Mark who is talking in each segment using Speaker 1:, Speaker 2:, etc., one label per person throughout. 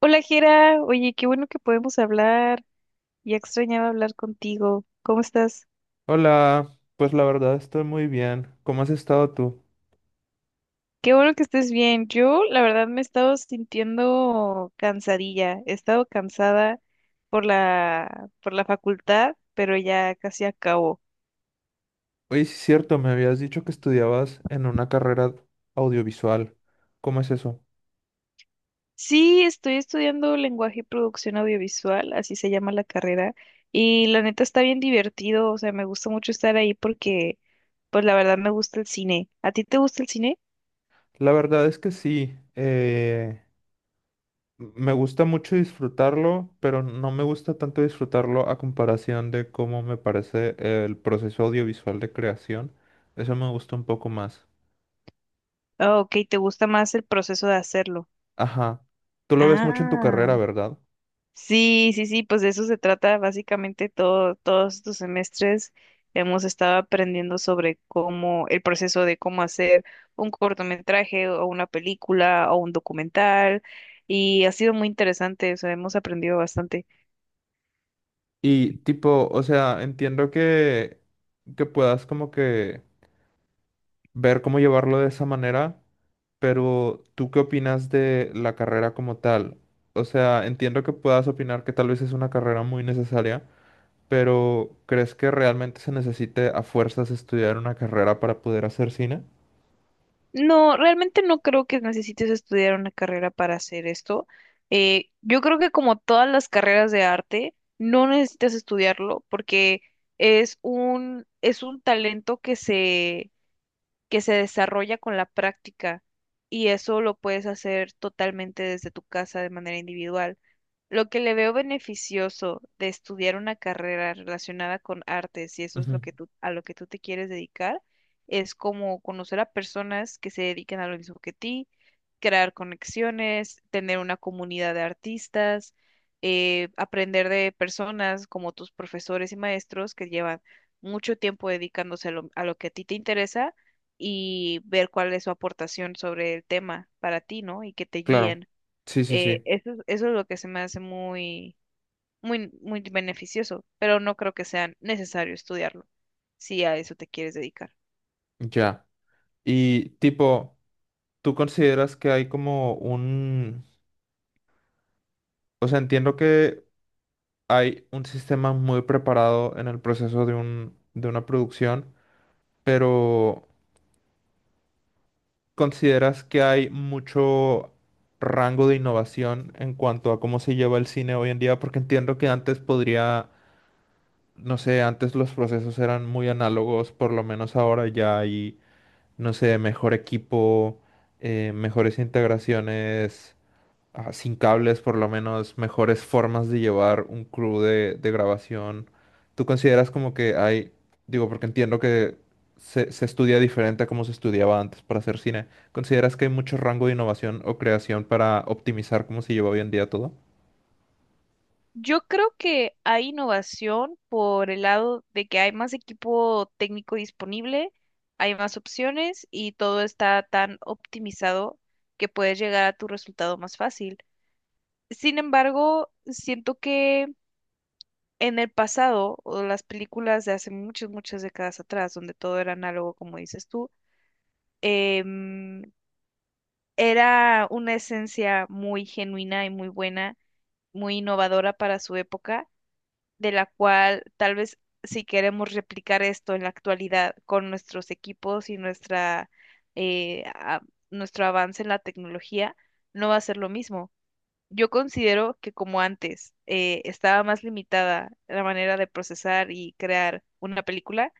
Speaker 1: Hola, Jera. Oye, qué bueno que podemos hablar. Ya extrañaba hablar contigo. ¿Cómo estás?
Speaker 2: Hola, pues la verdad estoy muy bien. ¿Cómo has estado tú?
Speaker 1: Qué bueno que estés bien. Yo, la verdad, me he estado sintiendo cansadilla. He estado cansada por la facultad, pero ya casi acabo.
Speaker 2: Oye, sí es cierto, me habías dicho que estudiabas en una carrera audiovisual. ¿Cómo es eso?
Speaker 1: Sí, estoy estudiando lenguaje y producción audiovisual, así se llama la carrera, y la neta está bien divertido. O sea, me gusta mucho estar ahí porque, pues, la verdad me gusta el cine. ¿A ti te gusta el cine?
Speaker 2: La verdad es que sí, me gusta mucho disfrutarlo, pero no me gusta tanto disfrutarlo a comparación de cómo me parece el proceso audiovisual de creación. Eso me gusta un poco más.
Speaker 1: Ah, ok, ¿te gusta más el proceso de hacerlo?
Speaker 2: Ajá. Tú lo ves mucho en tu
Speaker 1: Ah,
Speaker 2: carrera, ¿verdad?
Speaker 1: sí, sí, sí, pues de eso se trata básicamente todo, todos estos semestres hemos estado aprendiendo sobre cómo, el proceso de cómo hacer un cortometraje o una película o un documental y ha sido muy interesante, o sea, hemos aprendido bastante.
Speaker 2: Y tipo, o sea, entiendo que puedas como que ver cómo llevarlo de esa manera, pero ¿tú qué opinas de la carrera como tal? O sea, entiendo que puedas opinar que tal vez es una carrera muy necesaria, pero ¿crees que realmente se necesite a fuerzas estudiar una carrera para poder hacer cine?
Speaker 1: No, realmente no creo que necesites estudiar una carrera para hacer esto. Yo creo que como todas las carreras de arte, no necesitas estudiarlo porque es un talento que se desarrolla con la práctica y eso lo puedes hacer totalmente desde tu casa de manera individual. Lo que le veo beneficioso de estudiar una carrera relacionada con artes, si eso es lo
Speaker 2: Ujú.
Speaker 1: que tú, a lo que tú te quieres dedicar, es como conocer a personas que se dedican a lo mismo que ti, crear conexiones, tener una comunidad de artistas, aprender de personas como tus profesores y maestros que llevan mucho tiempo dedicándose a lo que a ti te interesa y ver cuál es su aportación sobre el tema para ti, ¿no? Y que te
Speaker 2: Claro.
Speaker 1: guíen.
Speaker 2: Sí, sí,
Speaker 1: Eh,
Speaker 2: sí.
Speaker 1: eso, es- eso es lo que se me hace muy, muy, muy beneficioso, pero no creo que sea necesario estudiarlo si a eso te quieres dedicar.
Speaker 2: Ya. Y tipo, ¿tú consideras que hay como un... O sea, entiendo que hay un sistema muy preparado en el proceso de de una producción, pero... ¿Consideras que hay mucho rango de innovación en cuanto a cómo se lleva el cine hoy en día? Porque entiendo que antes podría, no sé, antes los procesos eran muy análogos, por lo menos ahora ya hay, no sé, mejor equipo, mejores integraciones ah, sin cables, por lo menos mejores formas de llevar un crew de grabación. ¿Tú consideras como que hay, digo, porque entiendo que se estudia diferente a como se estudiaba antes para hacer cine, ¿consideras que hay mucho rango de innovación o creación para optimizar cómo se lleva hoy en día todo?
Speaker 1: Yo creo que hay innovación por el lado de que hay más equipo técnico disponible, hay más opciones y todo está tan optimizado que puedes llegar a tu resultado más fácil. Sin embargo, siento que en el pasado, o las películas de hace muchas, muchas décadas atrás, donde todo era análogo, como dices tú, em, era una esencia muy genuina y muy buena, muy innovadora para su época, de la cual tal vez si queremos replicar esto en la actualidad con nuestros equipos y nuestra, eh, a- nuestro avance en la tecnología, no va a ser lo mismo. Yo considero que como antes estaba más limitada la manera de procesar y crear una película,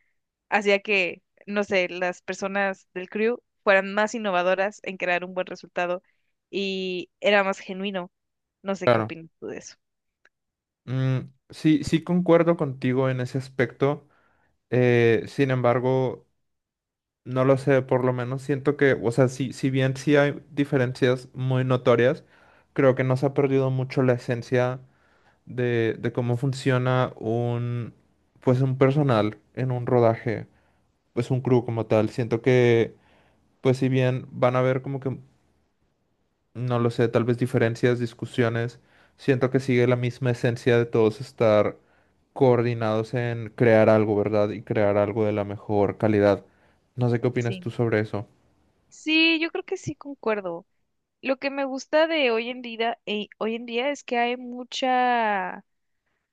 Speaker 1: hacía que, no sé, las personas del crew fueran más innovadoras en crear un buen resultado y era más genuino. No sé qué
Speaker 2: Claro.
Speaker 1: opinas tú de eso.
Speaker 2: Mm, sí, sí concuerdo contigo en ese aspecto. Sin embargo, no lo sé, por lo menos siento que, o sea, si, si bien sí hay diferencias muy notorias, creo que no se ha perdido mucho la esencia de cómo funciona un, pues un personal en un rodaje, pues un crew como tal. Siento que, pues si bien van a haber como que, no lo sé, tal vez diferencias, discusiones, siento que sigue la misma esencia de todos estar coordinados en crear algo, ¿verdad? Y crear algo de la mejor calidad. No sé qué opinas tú
Speaker 1: Sí.
Speaker 2: sobre eso.
Speaker 1: Sí, yo creo que sí concuerdo. Lo que me gusta de hoy en día es que hay mucha,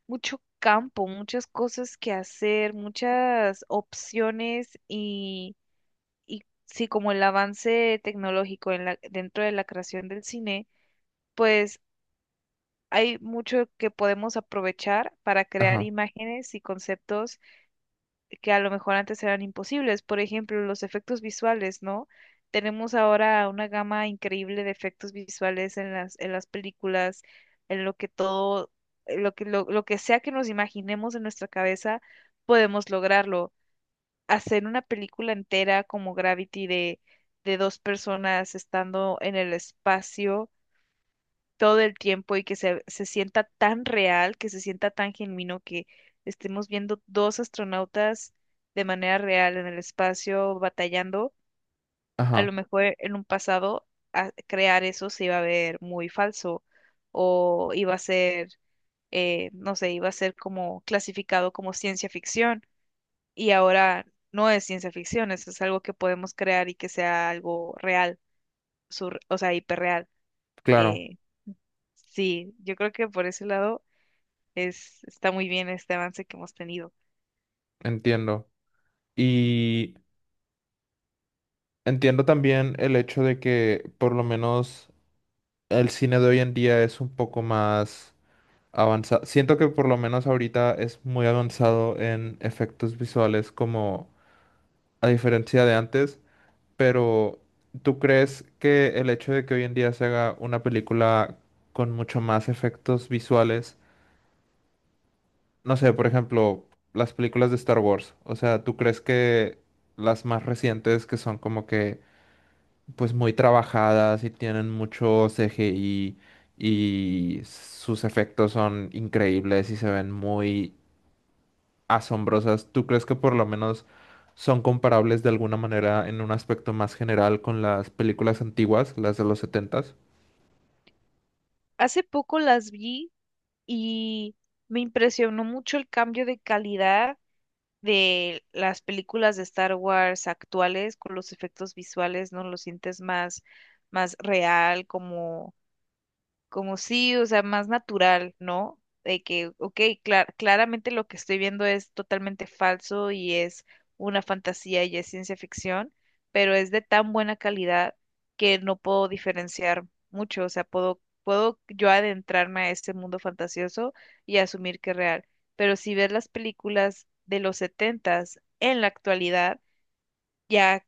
Speaker 1: mucho campo, muchas cosas que hacer, muchas opciones y sí, como el avance tecnológico dentro de la creación del cine, pues hay mucho que podemos aprovechar para crear
Speaker 2: Ajá,
Speaker 1: imágenes y conceptos que a lo mejor antes eran imposibles. Por ejemplo, los efectos visuales, ¿no? Tenemos ahora una gama increíble de efectos visuales en las películas, en lo que todo, en lo que sea que nos imaginemos en nuestra cabeza, podemos lograrlo. Hacer una película entera como Gravity de dos personas estando en el espacio todo el tiempo y que se sienta tan real, que se sienta tan genuino, que estemos viendo dos astronautas de manera real en el espacio batallando, a lo
Speaker 2: ajá,
Speaker 1: mejor en un pasado crear eso se iba a ver muy falso o iba a ser, no sé, iba a ser como clasificado como ciencia ficción y ahora no es ciencia ficción, eso es algo que podemos crear y que sea algo real, o sea, hiperreal.
Speaker 2: claro,
Speaker 1: Eh, sí, yo creo que por ese lado está muy bien este avance que hemos tenido.
Speaker 2: entiendo. Y entiendo también el hecho de que por lo menos el cine de hoy en día es un poco más avanzado. Siento que por lo menos ahorita es muy avanzado en efectos visuales como a diferencia de antes, pero ¿tú crees que el hecho de que hoy en día se haga una película con mucho más efectos visuales? No sé, por ejemplo, las películas de Star Wars. O sea, ¿tú crees que las más recientes que son como que pues muy trabajadas y tienen mucho CGI y sus efectos son increíbles y se ven muy asombrosas, ¿tú crees que por lo menos son comparables de alguna manera en un aspecto más general con las películas antiguas, las de los setentas?
Speaker 1: Hace poco las vi y me impresionó mucho el cambio de calidad de las películas de Star Wars actuales con los efectos visuales, ¿no? Lo sientes más, más real, como sí, o sea, más natural, ¿no? De que, ok, claramente lo que estoy viendo es totalmente falso y es una fantasía y es ciencia ficción, pero es de tan buena calidad que no puedo diferenciar mucho, o sea, puedo yo adentrarme a ese mundo fantasioso y asumir que es real, pero si ves las películas de los setentas en la actualidad, ya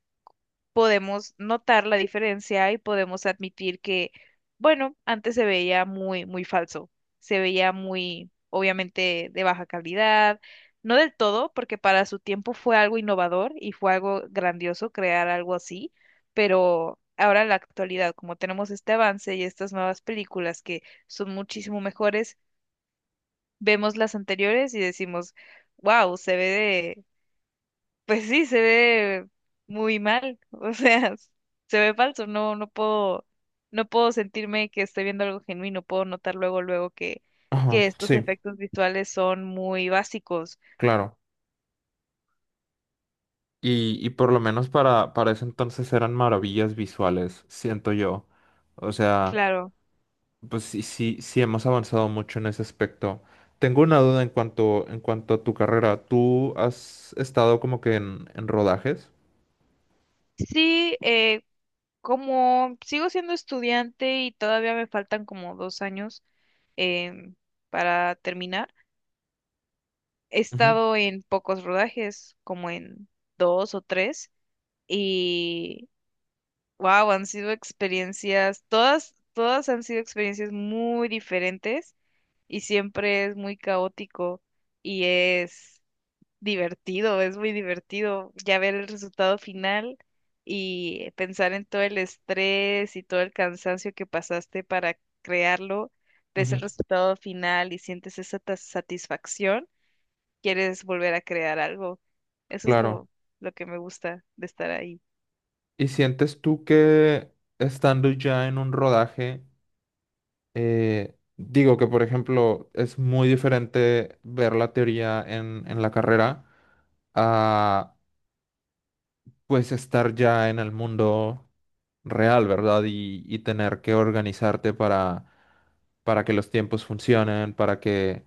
Speaker 1: podemos notar la diferencia y podemos admitir que, bueno, antes se veía muy, muy falso, se veía muy, obviamente, de baja calidad, no del todo, porque para su tiempo fue algo innovador y fue algo grandioso crear algo así, pero ahora en la actualidad, como tenemos este avance y estas nuevas películas que son muchísimo mejores, vemos las anteriores y decimos, wow, se ve pues sí, se ve muy mal, o sea, se ve falso, no, no puedo sentirme que estoy viendo algo genuino, puedo notar luego, luego que,
Speaker 2: Ajá,
Speaker 1: estos
Speaker 2: sí,
Speaker 1: efectos visuales son muy básicos.
Speaker 2: claro. Y por lo menos para ese entonces eran maravillas visuales, siento yo. O sea,
Speaker 1: Claro.
Speaker 2: pues sí, sí, sí hemos avanzado mucho en ese aspecto. Tengo una duda en cuanto a tu carrera. ¿Tú has estado como que en rodajes?
Speaker 1: Sí, como sigo siendo estudiante y todavía me faltan como 2 años em, para terminar, he
Speaker 2: Ujú,
Speaker 1: estado en pocos rodajes, como en dos o tres, wow, han sido experiencias, todas, todas han sido experiencias muy diferentes y siempre es muy caótico y es divertido, es muy divertido ya ver el resultado final y pensar en todo el estrés y todo el cansancio que pasaste para crearlo, ves el
Speaker 2: ujú,
Speaker 1: resultado final y sientes esa satisfacción, quieres volver a crear algo. Eso es
Speaker 2: claro.
Speaker 1: lo que me gusta de estar ahí.
Speaker 2: ¿Y sientes tú que estando ya en un rodaje, digo que por ejemplo es muy diferente ver la teoría en la carrera? A pues estar ya en el mundo real, ¿verdad? Y tener que organizarte para que los tiempos funcionen, para que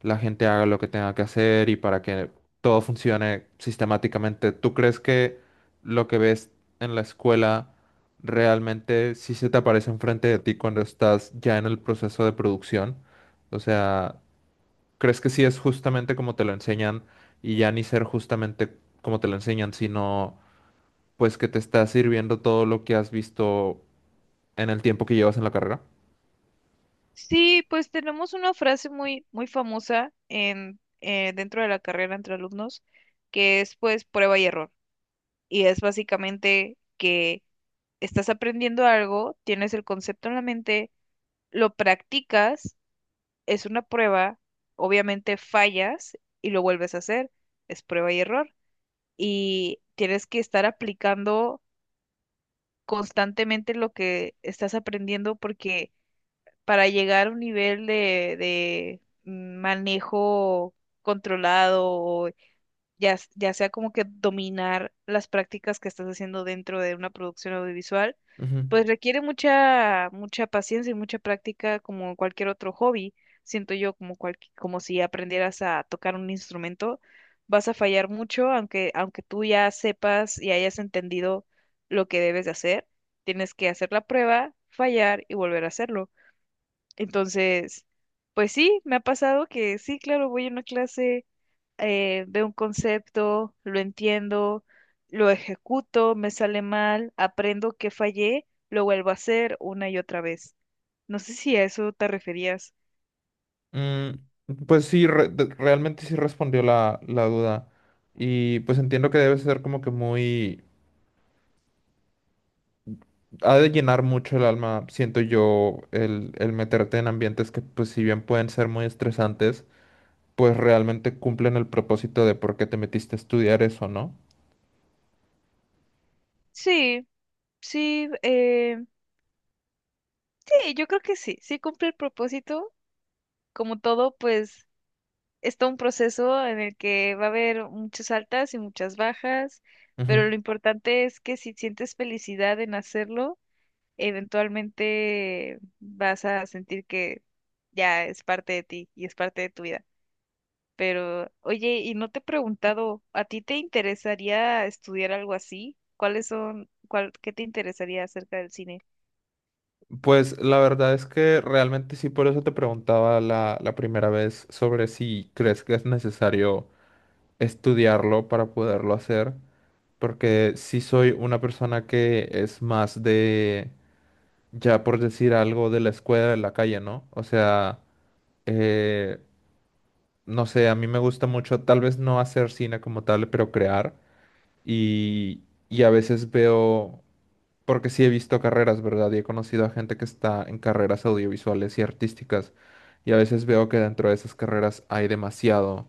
Speaker 2: la gente haga lo que tenga que hacer y para que todo funcione sistemáticamente. ¿Tú crees que lo que ves en la escuela realmente sí se te aparece enfrente de ti cuando estás ya en el proceso de producción? O sea, ¿crees que sí es justamente como te lo enseñan y ya ni ser justamente como te lo enseñan, sino pues que te está sirviendo todo lo que has visto en el tiempo que llevas en la carrera.
Speaker 1: Sí, pues tenemos una frase muy, muy famosa dentro de la carrera entre alumnos, que es pues prueba y error. Y es básicamente que estás aprendiendo algo, tienes el concepto en la mente, lo practicas, es una prueba, obviamente fallas y lo vuelves a hacer, es prueba y error. Y tienes que estar aplicando constantemente lo que estás aprendiendo porque para llegar a un nivel de manejo controlado, o ya sea como que dominar las prácticas que estás haciendo dentro de una producción audiovisual,
Speaker 2: Ujú.
Speaker 1: pues requiere mucha, mucha paciencia y mucha práctica como cualquier otro hobby. Siento yo como si aprendieras a tocar un instrumento, vas a fallar mucho, aunque tú ya sepas y hayas entendido lo que debes de hacer, tienes que hacer la prueba, fallar y volver a hacerlo. Entonces, pues sí, me ha pasado que sí, claro, voy a una clase, veo un concepto, lo entiendo, lo ejecuto, me sale mal, aprendo que fallé, lo vuelvo a hacer una y otra vez. No sé si a eso te referías.
Speaker 2: Mm, pues sí, realmente sí respondió la duda. Y pues entiendo que debe ser como que muy... Ha de llenar mucho el alma, siento yo, el meterte en ambientes que pues si bien pueden ser muy estresantes, pues realmente cumplen el propósito de por qué te metiste a estudiar eso, ¿no?
Speaker 1: Sí, sí, sí, yo creo que sí, sí cumple el propósito. Como todo, pues está un proceso en el que va a haber muchas altas y muchas bajas, pero lo importante es que si sientes felicidad en hacerlo, eventualmente vas a sentir que ya es parte de ti y es parte de tu vida. Pero, oye, y no te he preguntado, ¿a ti te interesaría estudiar algo así? ¿Cuáles son, cuál, qué te interesaría acerca del cine?
Speaker 2: Pues la verdad es que realmente sí, por eso te preguntaba la primera vez sobre si crees que es necesario estudiarlo para poderlo hacer, porque sí soy una persona que es más ya por decir algo, de la escuela de la calle, ¿no? O sea, eh, no sé, a mí me gusta mucho, tal vez no hacer cine como tal, pero crear, y, y a veces veo porque sí he visto carreras, ¿verdad? Y he conocido a gente que está en carreras audiovisuales y artísticas. Y a veces veo que dentro de esas carreras hay demasiado,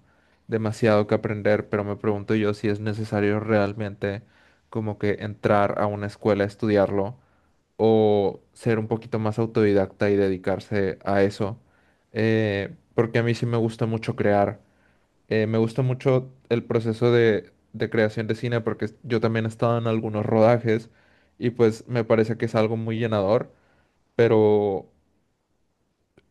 Speaker 2: demasiado que aprender, pero me pregunto yo si es necesario realmente como que entrar a una escuela a estudiarlo o ser un poquito más autodidacta y dedicarse a eso. Porque a mí sí me gusta mucho crear. Me gusta mucho el proceso de creación de cine porque yo también he estado en algunos rodajes y pues me parece que es algo muy llenador, pero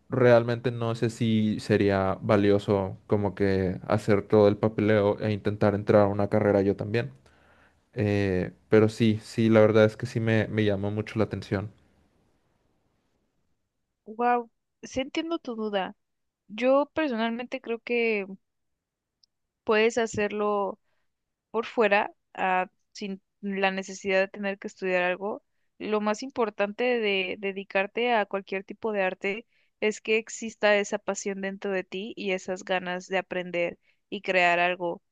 Speaker 2: realmente no sé si sería valioso como que hacer todo el papeleo e intentar entrar a una carrera yo también. Pero sí, sí, la verdad es que me llamó mucho la atención.
Speaker 1: Wow, sí entiendo tu duda. Yo personalmente creo que puedes hacerlo por fuera, ah, sin la necesidad de tener que estudiar algo, lo más importante de dedicarte a cualquier tipo de arte es que exista esa pasión dentro de ti y esas ganas de aprender y crear algo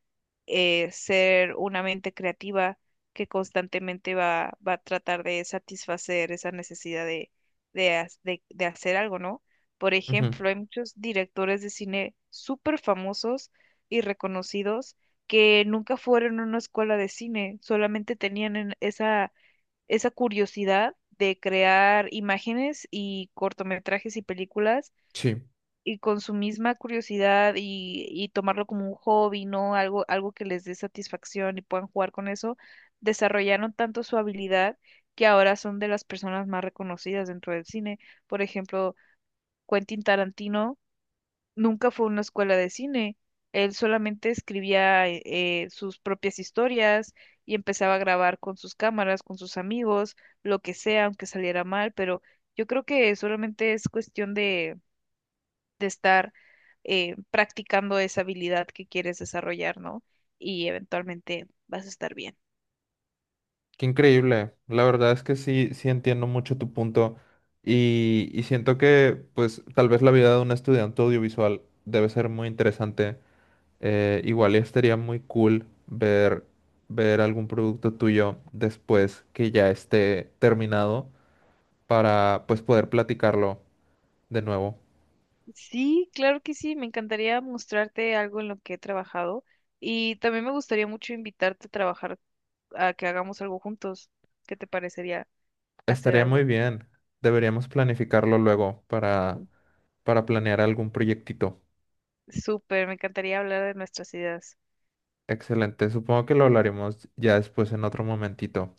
Speaker 1: ser una mente creativa que constantemente va a tratar de satisfacer esa necesidad de hacer algo, ¿no? Por
Speaker 2: Ujú.
Speaker 1: ejemplo, hay muchos directores de cine súper famosos y reconocidos que nunca fueron a una escuela de cine, solamente tenían esa, curiosidad de crear imágenes y cortometrajes y películas
Speaker 2: Sí.
Speaker 1: y con su misma curiosidad y tomarlo como un hobby, ¿no? Algo, algo que les dé satisfacción y puedan jugar con eso, desarrollaron tanto su habilidad que ahora son de las personas más reconocidas dentro del cine. Por ejemplo, Quentin Tarantino nunca fue a una escuela de cine. Él solamente escribía sus propias historias y empezaba a grabar con sus cámaras, con sus amigos, lo que sea, aunque saliera mal, pero yo creo que solamente es cuestión de estar practicando esa habilidad que quieres desarrollar, ¿no? Y eventualmente vas a estar bien.
Speaker 2: Qué increíble. La verdad es que sí, sí entiendo mucho tu punto y siento que pues tal vez la vida de un estudiante audiovisual debe ser muy interesante. Igual y estaría muy cool ver, ver algún producto tuyo después que ya esté terminado para pues poder platicarlo de nuevo.
Speaker 1: Sí, claro que sí, me encantaría mostrarte algo en lo que he trabajado y también me gustaría mucho invitarte a trabajar, a que hagamos algo juntos. ¿Qué te parecería hacer
Speaker 2: Estaría muy
Speaker 1: algo?
Speaker 2: bien. Deberíamos planificarlo luego para planear algún proyectito.
Speaker 1: Súper, me encantaría hablar de nuestras ideas.
Speaker 2: Excelente. Supongo que lo hablaremos ya después en otro momentito.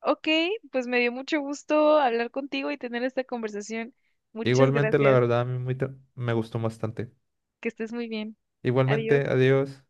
Speaker 1: Ok, pues me dio mucho gusto hablar contigo y tener esta conversación. Muchas
Speaker 2: Igualmente, la
Speaker 1: gracias.
Speaker 2: verdad, a mí me gustó bastante.
Speaker 1: Que estés muy bien. Adiós.
Speaker 2: Igualmente, adiós.